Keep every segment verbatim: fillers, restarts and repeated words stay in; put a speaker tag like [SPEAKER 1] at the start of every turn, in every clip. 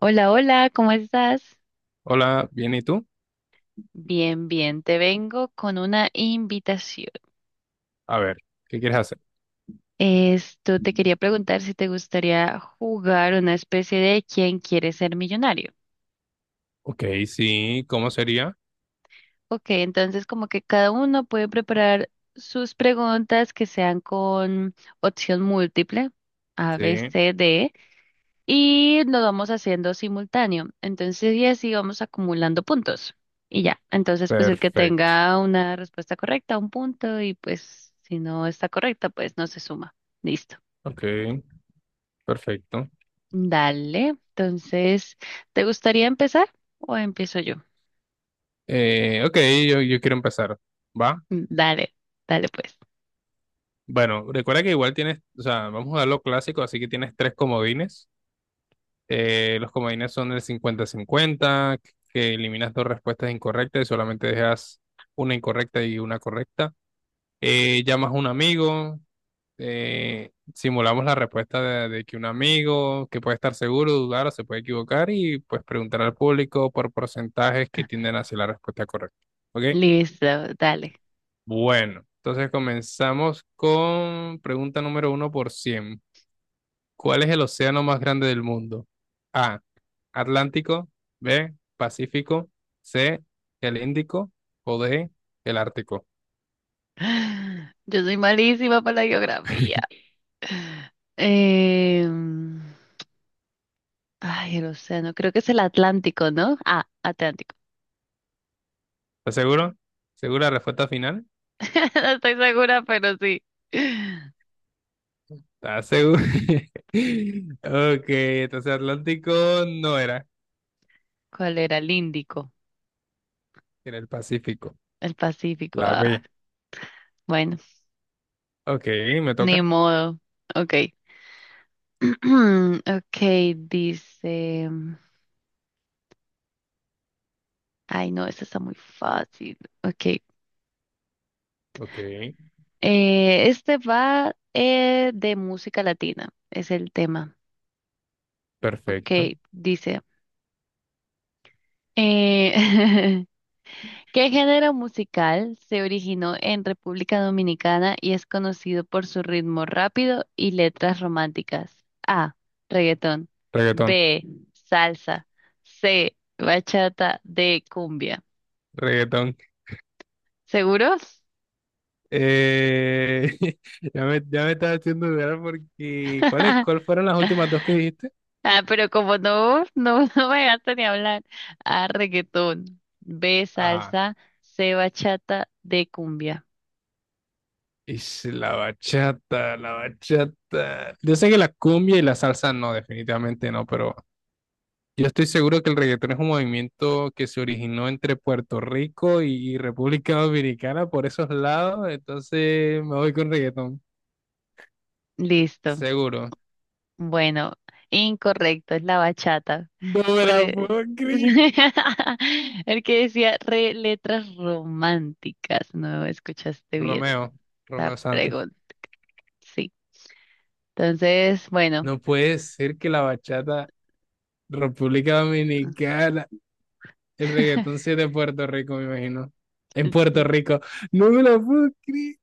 [SPEAKER 1] Hola, hola, ¿cómo estás?
[SPEAKER 2] Hola, bien, ¿y tú?
[SPEAKER 1] Bien, bien, te vengo con una invitación.
[SPEAKER 2] A ver, ¿qué quieres hacer?
[SPEAKER 1] Esto te quería preguntar si te gustaría jugar una especie de ¿Quién quiere ser millonario?
[SPEAKER 2] Ok, sí, ¿cómo sería?
[SPEAKER 1] Ok, entonces como que cada uno puede preparar sus preguntas que sean con opción múltiple, A,
[SPEAKER 2] Sí,
[SPEAKER 1] B, C, D. Y lo vamos haciendo simultáneo. Entonces, y así vamos acumulando puntos. Y ya, entonces, pues el que
[SPEAKER 2] perfecto.
[SPEAKER 1] tenga una respuesta correcta, un punto, y pues si no está correcta, pues no se suma. Listo.
[SPEAKER 2] Ok, perfecto.
[SPEAKER 1] Dale. Entonces, ¿te gustaría empezar o empiezo yo?
[SPEAKER 2] Eh, ok, yo, yo quiero empezar. ¿Va?
[SPEAKER 1] Mm, dale, dale pues.
[SPEAKER 2] Bueno, recuerda que igual tienes, o sea, vamos a lo clásico, así que tienes tres comodines. Eh, los comodines son el cincuenta-cincuenta, que eliminas dos respuestas incorrectas y solamente dejas una incorrecta y una correcta. Eh, llamas a un amigo, eh, simulamos la respuesta de, de que un amigo que puede estar seguro, dudar o se puede equivocar y pues preguntar al público por porcentajes que tienden hacia la respuesta correcta. ¿Ok?
[SPEAKER 1] Listo, dale.
[SPEAKER 2] Bueno, entonces comenzamos con pregunta número uno por cien. ¿Cuál es el océano más grande del mundo? A. Atlántico. B. Pacífico. C. El Índico. O D. El Ártico.
[SPEAKER 1] Yo soy malísima para la geografía. Em, ay, el océano, creo que es el Atlántico, ¿no? Ah, Atlántico.
[SPEAKER 2] ¿Estás seguro? ¿Segura la respuesta final?
[SPEAKER 1] No estoy segura, pero sí.
[SPEAKER 2] ¿Estás seguro? Ok, entonces Atlántico no era,
[SPEAKER 1] ¿Cuál era? El Índico,
[SPEAKER 2] era el Pacífico,
[SPEAKER 1] el Pacífico.
[SPEAKER 2] la
[SPEAKER 1] Ah,
[SPEAKER 2] B.
[SPEAKER 1] bueno,
[SPEAKER 2] Ok, me
[SPEAKER 1] ni
[SPEAKER 2] toca.
[SPEAKER 1] modo. Ok. Ok, dice. Ay, no, esta está muy fácil. Ok.
[SPEAKER 2] Ok,
[SPEAKER 1] Eh, este va eh, de música latina, es el tema.
[SPEAKER 2] perfecto.
[SPEAKER 1] Ok, dice. eh, ¿Qué género musical se originó en República Dominicana y es conocido por su ritmo rápido y letras románticas? A. Reggaetón.
[SPEAKER 2] Reggaetón,
[SPEAKER 1] B. Salsa. C. Bachata. D. Cumbia.
[SPEAKER 2] reggaetón.
[SPEAKER 1] ¿Seguros?
[SPEAKER 2] Eh, ya me, ya me estaba haciendo dudar porque... ¿Cuáles, cuál fueron las últimas dos que dijiste?
[SPEAKER 1] Ah, pero como no, no, no me dejaste ni hablar. A. Reggaetón. B.
[SPEAKER 2] Ajá.
[SPEAKER 1] Salsa. C. Bachata. D. Cumbia.
[SPEAKER 2] Ish, la bachata, la bachata. Yo sé que la cumbia y la salsa no, definitivamente no, pero yo estoy seguro que el reggaetón es un movimiento que se originó entre Puerto Rico y República Dominicana por esos lados, entonces me voy con reggaetón,
[SPEAKER 1] Listo.
[SPEAKER 2] seguro.
[SPEAKER 1] Bueno, incorrecto, es la bachata.
[SPEAKER 2] No me
[SPEAKER 1] Por
[SPEAKER 2] la
[SPEAKER 1] e-
[SPEAKER 2] puedo creer.
[SPEAKER 1] el que decía re letras románticas, no escuchaste bien
[SPEAKER 2] Romeo,
[SPEAKER 1] la
[SPEAKER 2] Romeo Santos.
[SPEAKER 1] pregunta. Sí. Entonces, bueno.
[SPEAKER 2] No puede ser que la bachata República Dominicana, el reggaetón sea de Puerto Rico, me imagino. En Puerto
[SPEAKER 1] Sí,
[SPEAKER 2] Rico. No me la puedo creer.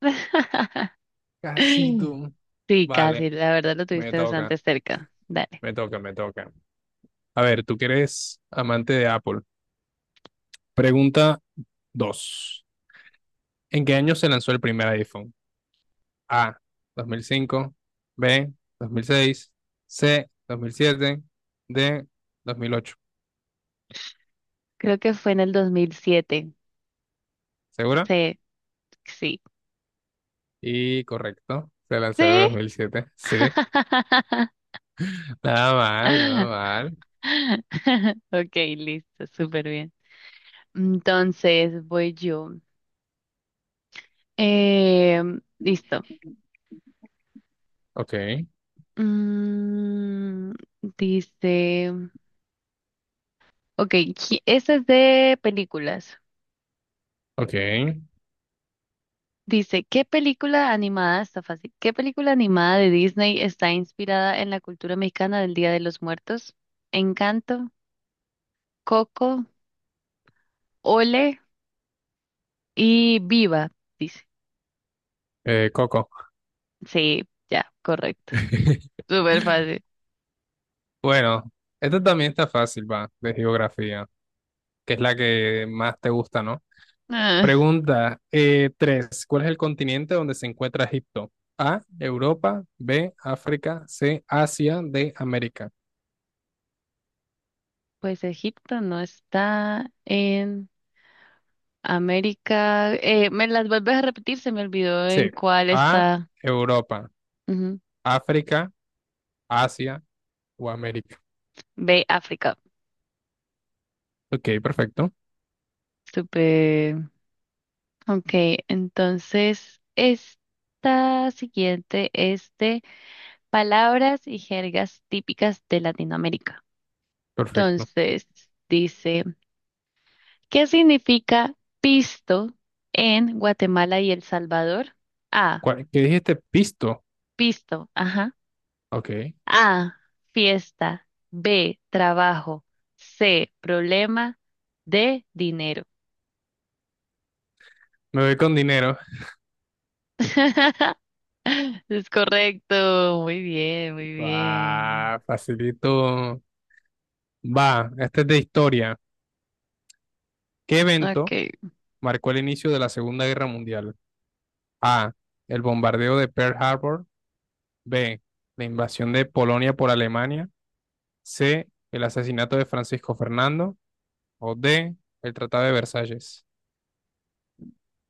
[SPEAKER 2] Casi tú.
[SPEAKER 1] sí, casi,
[SPEAKER 2] Vale,
[SPEAKER 1] la verdad lo
[SPEAKER 2] me
[SPEAKER 1] tuviste bastante
[SPEAKER 2] toca,
[SPEAKER 1] cerca. Dale.
[SPEAKER 2] me toca, me toca. A ver, tú que eres amante de Apple. Pregunta dos. ¿En qué año se lanzó el primer iPhone? A. Dos mil cinco. B. Dos mil seis. C. Dos mil siete. D. Dos mil ocho.
[SPEAKER 1] Creo que fue en el dos mil siete.
[SPEAKER 2] ¿Segura?
[SPEAKER 1] Sí, sí.
[SPEAKER 2] Y correcto. Se lanzó en el
[SPEAKER 1] Sí.
[SPEAKER 2] dos mil siete. Sí. Nada mal, nada mal.
[SPEAKER 1] Ok, listo, súper bien. Entonces, voy yo. Eh, listo.
[SPEAKER 2] Ok,
[SPEAKER 1] Mm, dice, ok, qui- esta es de películas.
[SPEAKER 2] ok.
[SPEAKER 1] Dice, ¿qué película animada, está fácil, qué película animada de Disney está inspirada en la cultura mexicana del Día de los Muertos? Encanto, Coco, Ole y Viva, dice.
[SPEAKER 2] Eh, Coco.
[SPEAKER 1] Sí, ya, correcto. Súper fácil.
[SPEAKER 2] Bueno, esta también está fácil, va, de geografía, que es la que más te gusta, ¿no?
[SPEAKER 1] Ah,
[SPEAKER 2] Pregunta eh, tres. ¿Cuál es el continente donde se encuentra Egipto? A, Europa, B, África, C, Asia, D, América.
[SPEAKER 1] pues Egipto no está en... América. Eh, ¿me las vuelves a repetir? Se me olvidó en
[SPEAKER 2] C,
[SPEAKER 1] cuál
[SPEAKER 2] A,
[SPEAKER 1] está.
[SPEAKER 2] Europa,
[SPEAKER 1] Ujú.
[SPEAKER 2] África, Asia o América.
[SPEAKER 1] Ve África.
[SPEAKER 2] Ok, perfecto,
[SPEAKER 1] Súper. Ok, entonces esta siguiente es de palabras y jergas típicas de Latinoamérica.
[SPEAKER 2] perfecto.
[SPEAKER 1] Entonces dice, ¿qué significa pisto en Guatemala y El Salvador? A,
[SPEAKER 2] ¿Cuál- ¿Qué dijiste? Pisto.
[SPEAKER 1] pisto, ajá.
[SPEAKER 2] Ok, me
[SPEAKER 1] A, fiesta. B, trabajo. C, problema. D, dinero.
[SPEAKER 2] voy con dinero.
[SPEAKER 1] Es correcto. Muy bien, muy bien.
[SPEAKER 2] Ah, facilito. Va, este es de historia. ¿Qué evento
[SPEAKER 1] Ok.
[SPEAKER 2] marcó el inicio de la Segunda Guerra Mundial? A, el bombardeo de Pearl Harbor. B, la invasión de Polonia por Alemania. C, el asesinato de Francisco Fernando. O D, el Tratado de Versalles.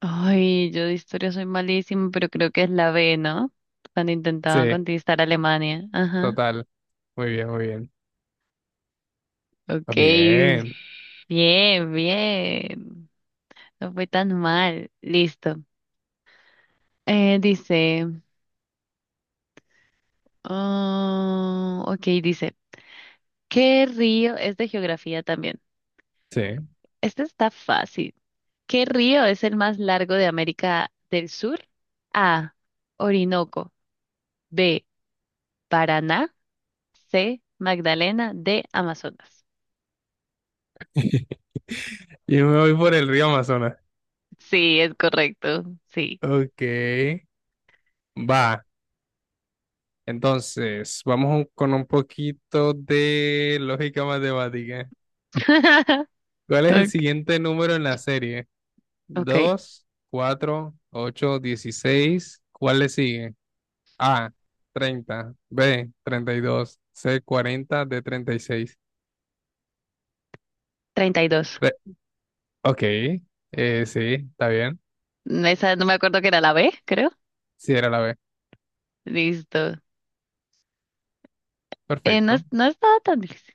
[SPEAKER 1] Ay, yo de historia soy malísima, pero creo que es la B, ¿no? Cuando intentaban
[SPEAKER 2] C,
[SPEAKER 1] conquistar Alemania. Ajá.
[SPEAKER 2] total. Muy bien, muy bien. Ah,
[SPEAKER 1] Ok.
[SPEAKER 2] bien,
[SPEAKER 1] Bien, bien. No fue tan mal. Listo. Eh, dice. Ah, ok, dice. ¿Qué río es de geografía también?
[SPEAKER 2] sí.
[SPEAKER 1] Este está fácil. ¿Qué río es el más largo de América del Sur? A. Orinoco. B. Paraná. C. Magdalena. D. Amazonas.
[SPEAKER 2] Yo me voy por el río Amazonas.
[SPEAKER 1] Sí, es correcto. Sí.
[SPEAKER 2] Ok, va. Entonces, vamos un- con un poquito de lógica matemática. ¿Cuál es el
[SPEAKER 1] Ok.
[SPEAKER 2] siguiente número en la serie?
[SPEAKER 1] Ok.
[SPEAKER 2] Dos, cuatro, ocho, dieciséis. ¿Cuál le sigue? A, treinta, B, treinta y dos, C, cuarenta, D, treinta y seis.
[SPEAKER 1] treinta y dos.
[SPEAKER 2] Re- ok, eh, sí, está bien.
[SPEAKER 1] Esa no me acuerdo que era la B, creo.
[SPEAKER 2] Sí, era la B.
[SPEAKER 1] Listo. Eh, no, es-
[SPEAKER 2] Perfecto.
[SPEAKER 1] no estaba tan difícil.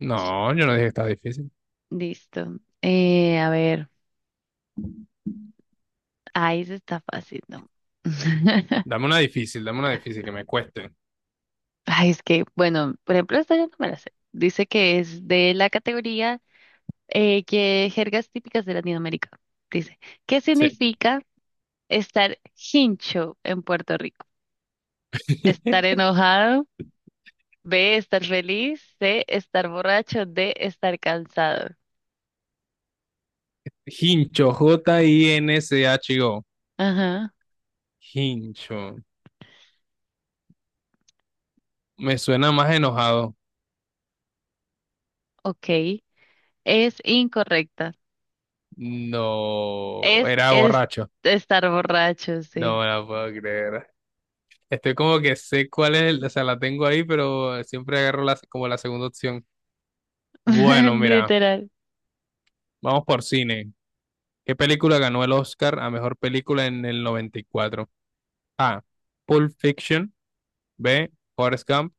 [SPEAKER 2] No, yo no dije que estaba difícil.
[SPEAKER 1] Listo. Eh, a ver. Ahí se está fácil, ¿no?
[SPEAKER 2] Dame una difícil, dame una difícil que me cueste.
[SPEAKER 1] Ay, es que, bueno, por ejemplo, esta yo no me la sé. Dice que es de la categoría eh, que jergas típicas de Latinoamérica. Dice, ¿qué
[SPEAKER 2] Sí.
[SPEAKER 1] significa estar hincho en Puerto Rico? Estar enojado, B, estar feliz, C, estar borracho, D, estar cansado.
[SPEAKER 2] Hincho, J-I-N-C-H-O.
[SPEAKER 1] Ajá,
[SPEAKER 2] Hincho. Me suena más enojado.
[SPEAKER 1] ok. Es incorrecta.
[SPEAKER 2] No,
[SPEAKER 1] Es,
[SPEAKER 2] era
[SPEAKER 1] es
[SPEAKER 2] borracho.
[SPEAKER 1] estar borracho,
[SPEAKER 2] No
[SPEAKER 1] sí.
[SPEAKER 2] me la puedo creer. Estoy como que sé cuál es, el- o sea, la tengo ahí, pero siempre agarro la, como la segunda opción. Bueno, mira,
[SPEAKER 1] Literal.
[SPEAKER 2] vamos por cine. ¿Qué película ganó el Oscar a mejor película en el noventa y cuatro? A. Pulp Fiction. B. Forrest Gump.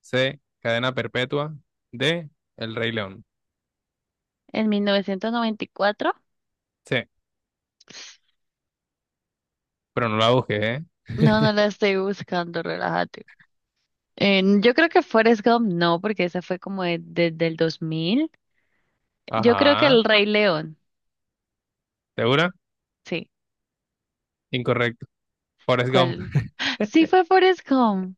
[SPEAKER 2] C. Cadena Perpetua. D. El Rey León.
[SPEAKER 1] En mil novecientos noventa y cuatro.
[SPEAKER 2] C. Pero no la busqué, ¿eh?
[SPEAKER 1] No, no la estoy buscando, relájate. Eh, yo creo que Forrest Gump no, porque esa fue como de- desde el dos mil. Yo creo que
[SPEAKER 2] Ajá.
[SPEAKER 1] El Rey León,
[SPEAKER 2] ¿Segura?
[SPEAKER 1] sí.
[SPEAKER 2] Incorrecto. Forrest Gump.
[SPEAKER 1] ¿Cuál? Sí fue Forrest Gump.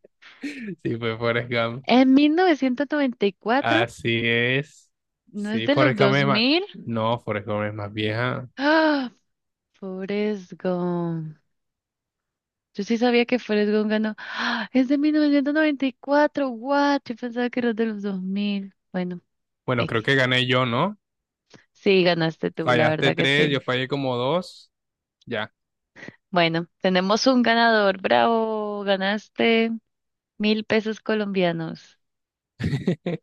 [SPEAKER 2] Sí, fue Forrest Gump.
[SPEAKER 1] En mil novecientos noventa y cuatro,
[SPEAKER 2] Así es.
[SPEAKER 1] no es
[SPEAKER 2] Sí,
[SPEAKER 1] de los
[SPEAKER 2] Forrest Gump es más.
[SPEAKER 1] dos mil.
[SPEAKER 2] No, Forrest Gump es más vieja.
[SPEAKER 1] Ah, Forrest Gump. Yo sí sabía que Forrest Gump ganó. ¡Ah! Es de mil novecientos noventa y cuatro, what? Yo pensaba que era de los dos mil. Bueno,
[SPEAKER 2] Bueno, creo
[SPEAKER 1] X.
[SPEAKER 2] que gané yo, ¿no?
[SPEAKER 1] Sí, ganaste tú, la
[SPEAKER 2] Fallaste
[SPEAKER 1] verdad que
[SPEAKER 2] tres,
[SPEAKER 1] sí.
[SPEAKER 2] yo fallé como dos. Ya,
[SPEAKER 1] Bueno, tenemos un ganador, bravo, ganaste. Mil pesos colombianos.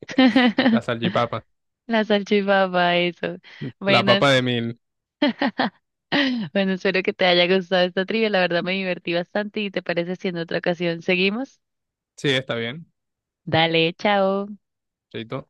[SPEAKER 2] la salchipapa.
[SPEAKER 1] La salchipapa, eso.
[SPEAKER 2] La
[SPEAKER 1] Bueno,
[SPEAKER 2] papa de
[SPEAKER 1] es-
[SPEAKER 2] mil.
[SPEAKER 1] bueno, espero que te haya gustado esta trivia. La verdad me divertí bastante y te parece si en otra ocasión seguimos.
[SPEAKER 2] Sí, está bien.
[SPEAKER 1] Dale, chao.
[SPEAKER 2] Chaito.